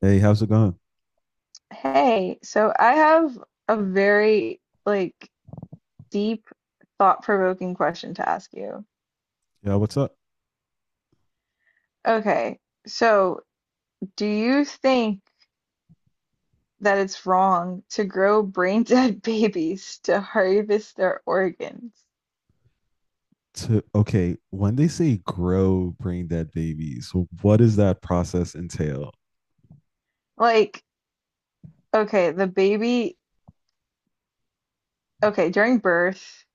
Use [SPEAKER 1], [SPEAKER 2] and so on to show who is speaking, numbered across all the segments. [SPEAKER 1] Hey, how's it going?
[SPEAKER 2] Hey, so I have a very like deep, thought-provoking question to ask you.
[SPEAKER 1] Yeah, what's up?
[SPEAKER 2] Okay, so do you think that it's wrong to grow brain dead babies to harvest their organs?
[SPEAKER 1] Okay, when they say grow brain dead babies, what does that process entail?
[SPEAKER 2] Like, okay, the baby, okay, during birth,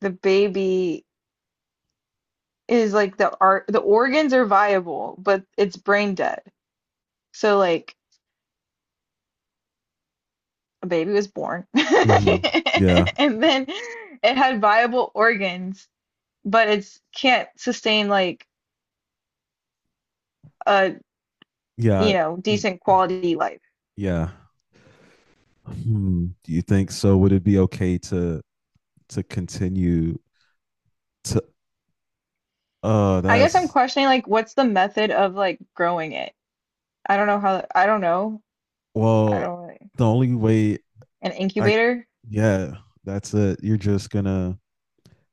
[SPEAKER 2] the baby is like the art, the organs are viable, but it's brain dead. So like a baby was born
[SPEAKER 1] Hmm. Yeah,
[SPEAKER 2] and then it had viable organs but it's can't sustain like a you
[SPEAKER 1] yeah,
[SPEAKER 2] know
[SPEAKER 1] y-
[SPEAKER 2] decent quality life.
[SPEAKER 1] yeah. Hmm. Do you think so? Would it be okay to continue? T-
[SPEAKER 2] I'm
[SPEAKER 1] that's
[SPEAKER 2] questioning like what's the method of like growing it. I don't know how I don't know I
[SPEAKER 1] Well,
[SPEAKER 2] don't really
[SPEAKER 1] the only way,
[SPEAKER 2] An
[SPEAKER 1] I,
[SPEAKER 2] incubator.
[SPEAKER 1] yeah, that's it. You're just gonna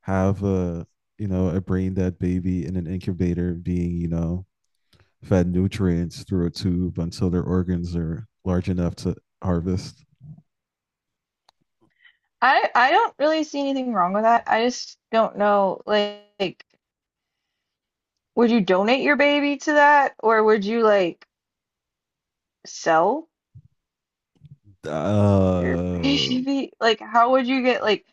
[SPEAKER 1] have a brain dead baby in an incubator being, fed nutrients through a tube until their organs are large enough to harvest.
[SPEAKER 2] I don't really see anything wrong with that, I just don't know, like would you donate your baby to that, or would you like sell your
[SPEAKER 1] Uh,
[SPEAKER 2] baby? Like how would you get like—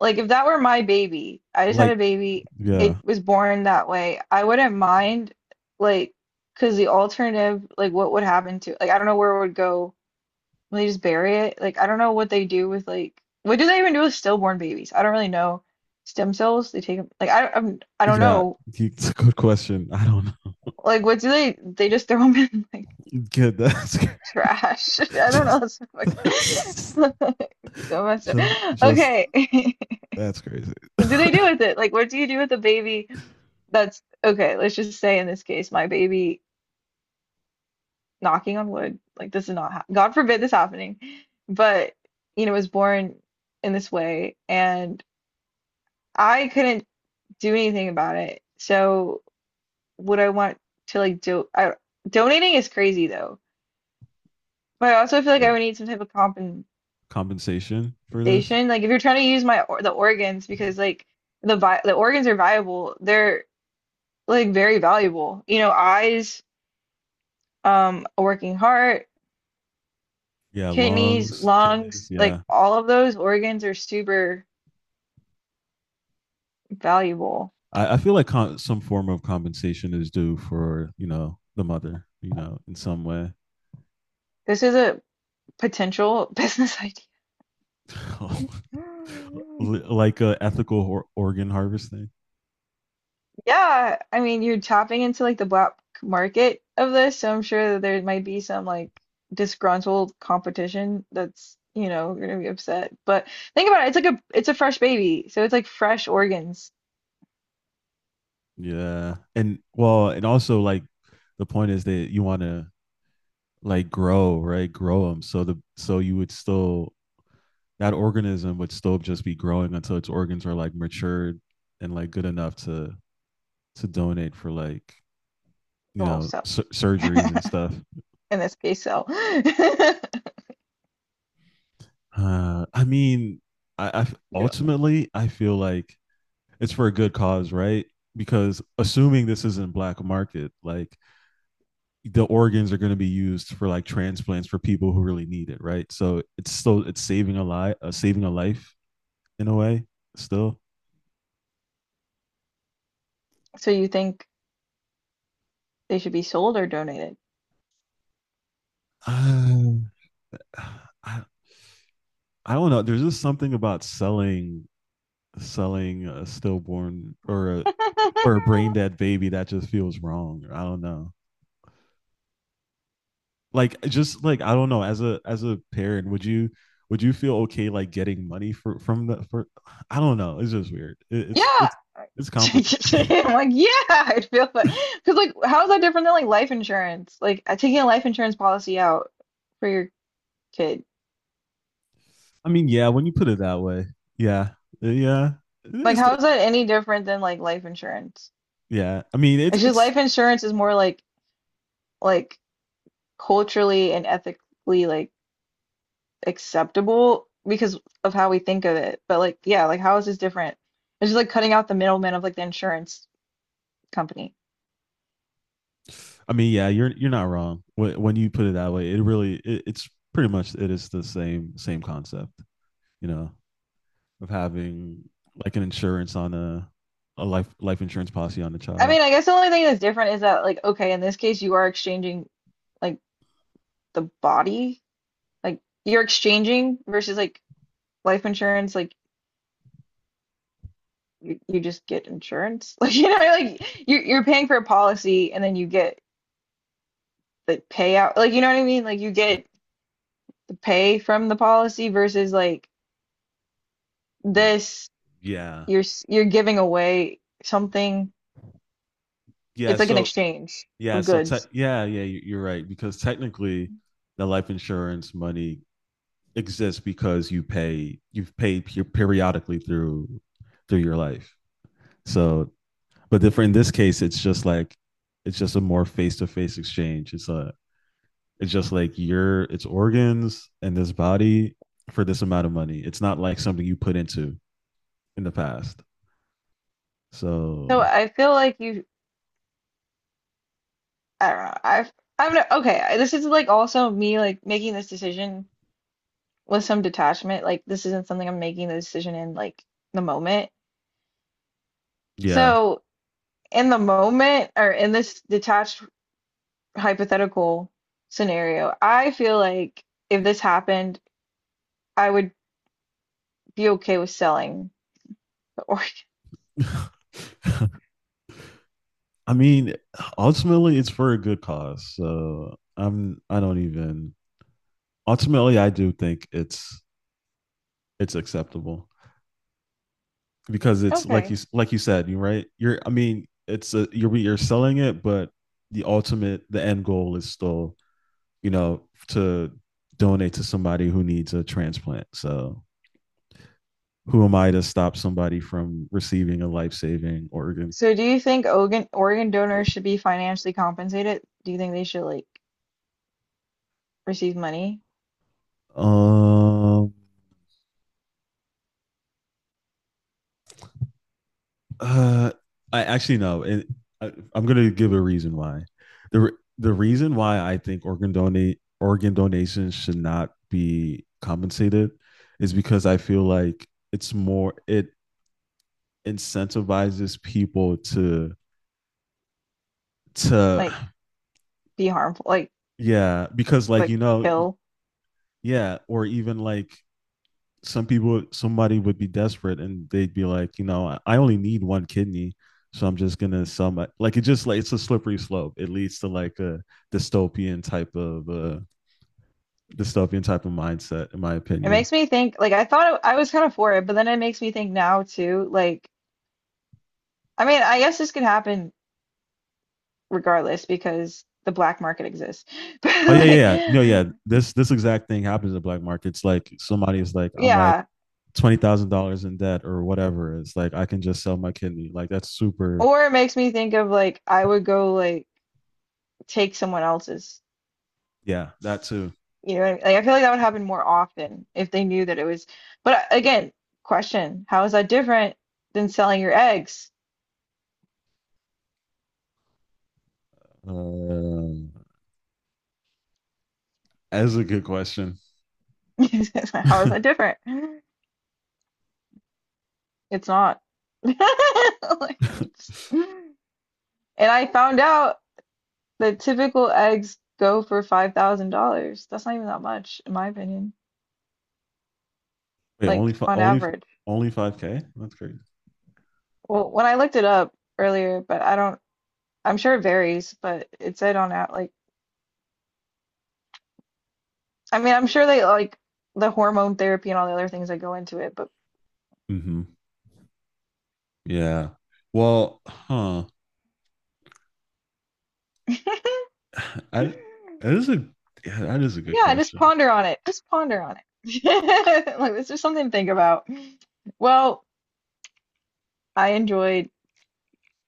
[SPEAKER 2] Like if that were my baby, I just had
[SPEAKER 1] like,
[SPEAKER 2] a baby,
[SPEAKER 1] yeah,
[SPEAKER 2] it was born that way, I wouldn't mind, like, cause the alternative, like what would happen to— like I don't know where it would go. Will they just bury it? Like I don't know what they do with, like what do they even do with stillborn babies? I don't really know. Stem cells, they take them, like I'm, I don't
[SPEAKER 1] yeah.
[SPEAKER 2] know.
[SPEAKER 1] It's a good question. I don't know.
[SPEAKER 2] Like what do they just throw them in like
[SPEAKER 1] Good. That's
[SPEAKER 2] trash? I don't know.
[SPEAKER 1] just
[SPEAKER 2] That's so
[SPEAKER 1] that's
[SPEAKER 2] fuck- so messed up.
[SPEAKER 1] just,
[SPEAKER 2] Okay.
[SPEAKER 1] that's crazy.
[SPEAKER 2] What do they do with it? Like what do you do with a baby? That's— okay. Let's just say in this case, my baby, knocking on wood, like this is not— hap— God forbid this happening, but you know, was born in this way, and I couldn't do anything about it. So would I want to— like do I— donating is crazy though, but I also feel like
[SPEAKER 1] Yeah.
[SPEAKER 2] I would need some type of compensation.
[SPEAKER 1] Compensation for
[SPEAKER 2] Like
[SPEAKER 1] this?
[SPEAKER 2] if you're trying to use my— or the organs, because like the organs are viable, they're like very valuable. You know, eyes, a working heart,
[SPEAKER 1] Yeah,
[SPEAKER 2] kidneys,
[SPEAKER 1] lungs, kidneys.
[SPEAKER 2] lungs, like
[SPEAKER 1] Yeah,
[SPEAKER 2] all of those organs are super valuable.
[SPEAKER 1] I feel like some form of compensation is due for, the mother, in some way.
[SPEAKER 2] This is a potential business idea.
[SPEAKER 1] Like a ethical organ harvesting.
[SPEAKER 2] Yeah, I mean, you're tapping into like the black market of this, so I'm sure that there might be some like disgruntled competition that's, you know, gonna be upset. But think about it, it's like a it's a fresh baby, so it's like fresh organs.
[SPEAKER 1] Yeah. And well, and also, like, the point is that you want to, like, grow, right? Grow them. So the so you would still, that organism would still just be growing until its organs are, like, matured and, like, good enough to donate for, like,
[SPEAKER 2] Well, so
[SPEAKER 1] surgeries and stuff.
[SPEAKER 2] in this case, so.
[SPEAKER 1] I mean, I
[SPEAKER 2] Yeah.
[SPEAKER 1] ultimately I feel like it's for a good cause, right? Because assuming this isn't black market, like, the organs are going to be used for, like, transplants for people who really need it, right? So it's still it's saving a life in a way. Still,
[SPEAKER 2] So you think they should be sold or donated?
[SPEAKER 1] um, I I don't know. There's just something about selling a stillborn or a brain dead baby that just feels wrong. I don't know. Like, just like I don't know. As a parent, would you, feel okay, like, getting money for from the for? I don't know. It's just weird. It,
[SPEAKER 2] Yeah,
[SPEAKER 1] it's complicated.
[SPEAKER 2] I'm like, yeah, I'd feel that. Because, like, how is that different than like life insurance? Like, taking a life insurance policy out for your kid.
[SPEAKER 1] I mean, yeah, when you put it that way. Yeah, yeah.
[SPEAKER 2] Like,
[SPEAKER 1] it's
[SPEAKER 2] how
[SPEAKER 1] the,
[SPEAKER 2] is that any different than like life insurance?
[SPEAKER 1] yeah. I mean, it's
[SPEAKER 2] It's just
[SPEAKER 1] it's.
[SPEAKER 2] life insurance is more like like culturally and ethically like acceptable because of how we think of it. But like, yeah, like how is this different? It's just like cutting out the middleman of like the insurance company.
[SPEAKER 1] I mean, yeah, you're not wrong when you put it that way. It really, it's pretty much, it is the same concept, you know, of having, like, an insurance on a life insurance policy on a
[SPEAKER 2] I
[SPEAKER 1] child.
[SPEAKER 2] mean, I guess the only thing that's different is that like, okay, in this case, you are exchanging like the body. Like you're exchanging, versus like life insurance, like you just get insurance. Like you know, like you're paying for a policy and then you get the payout. Like you know what I mean? Like you get the pay from the policy versus like
[SPEAKER 1] Mm,
[SPEAKER 2] this,
[SPEAKER 1] yeah,
[SPEAKER 2] you're s- you're giving away something.
[SPEAKER 1] yeah.
[SPEAKER 2] It's like an
[SPEAKER 1] So
[SPEAKER 2] exchange
[SPEAKER 1] yeah,
[SPEAKER 2] of
[SPEAKER 1] so
[SPEAKER 2] goods.
[SPEAKER 1] yeah, yeah. You're right because technically, the life insurance money exists because you've paid periodically through your life. So, but for in this case, it's just like, it's just a more face to face exchange. It's just like, your it's organs and this body for this amount of money. It's not like something you put into in the past.
[SPEAKER 2] So
[SPEAKER 1] So
[SPEAKER 2] I feel like you— I don't know. I'm not— okay. I- This is like also me like making this decision with some detachment. Like this isn't something I'm making the decision in, like, the moment.
[SPEAKER 1] yeah.
[SPEAKER 2] So in the moment or in this detached hypothetical scenario, I feel like if this happened, I would be okay with selling the organ.
[SPEAKER 1] I mean, ultimately, it's for a good cause. So I don't even, ultimately, I do think it's acceptable. Because it's like,
[SPEAKER 2] Okay.
[SPEAKER 1] you said, you right. You're I mean, it's a you're selling it, but the end goal is still, to donate to somebody who needs a transplant. So who am I to stop somebody from receiving a life saving organ?
[SPEAKER 2] So do you think organ donors should be financially compensated? Do you think they should like receive money?
[SPEAKER 1] Um, Uh, I actually, no. I'm gonna give a reason why. the The reason why I think organ donations should not be compensated is because I feel like it's more, it incentivizes people to.
[SPEAKER 2] Like be harmful, like
[SPEAKER 1] Yeah, because, like,
[SPEAKER 2] like
[SPEAKER 1] you know.
[SPEAKER 2] kill?
[SPEAKER 1] Yeah, or even like some people, somebody would be desperate and they'd be like, you know, only need one kidney, so I'm just gonna sell my, like, it just, like, it's a slippery slope. It leads to like a dystopian type of uh dystopian type of mindset in my
[SPEAKER 2] It
[SPEAKER 1] opinion.
[SPEAKER 2] makes me think like I thought it- I was kind of for it, but then it makes me think now too, like I mean, I guess this could happen regardless because the black market exists. But
[SPEAKER 1] Oh yeah,
[SPEAKER 2] like
[SPEAKER 1] yeah, yeah. No, yeah. This exact thing happens in the black markets. Like, somebody is like, I'm like,
[SPEAKER 2] yeah,
[SPEAKER 1] $20,000 in debt or whatever. It's like I can just sell my kidney. Like, that's super.
[SPEAKER 2] or it makes me think of like I would go like take someone else's.
[SPEAKER 1] Yeah, that too.
[SPEAKER 2] You know what I mean? Like I feel like that would happen more often if they knew that it was. But I- again, question, how is that different than selling your eggs?
[SPEAKER 1] Um, that's a good question.
[SPEAKER 2] How is
[SPEAKER 1] Wait,
[SPEAKER 2] that different? It's not. Like, it's— and I found out that typical eggs go for $5,000. That's not even that much, in my opinion,
[SPEAKER 1] only
[SPEAKER 2] like
[SPEAKER 1] fi-
[SPEAKER 2] on
[SPEAKER 1] only
[SPEAKER 2] average.
[SPEAKER 1] only 5K? That's crazy.
[SPEAKER 2] Well, when I looked it up earlier, but I don't— I'm sure it varies, but it said on out like— I mean, I'm sure they like the hormone therapy and all the other things that go into it, but
[SPEAKER 1] Mm-hmm. Yeah. Well, huh. I that is a Yeah, that is a good
[SPEAKER 2] yeah, just
[SPEAKER 1] question.
[SPEAKER 2] ponder on it. Just ponder on it. Like, it's just something to think about. Well, I enjoyed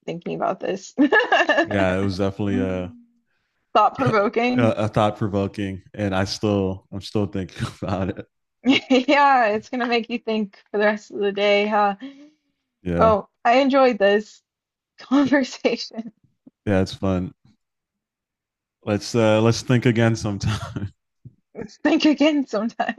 [SPEAKER 2] thinking about this.
[SPEAKER 1] Yeah,
[SPEAKER 2] Thought
[SPEAKER 1] it was definitely a
[SPEAKER 2] provoking.
[SPEAKER 1] a, a thought provoking, and I'm still thinking about it.
[SPEAKER 2] Yeah, it's gonna make you think for the rest of the day, huh?
[SPEAKER 1] Yeah,
[SPEAKER 2] Well, I enjoyed this conversation.
[SPEAKER 1] yeah, it's fun. Let's, let's think again sometime.
[SPEAKER 2] Think again sometime.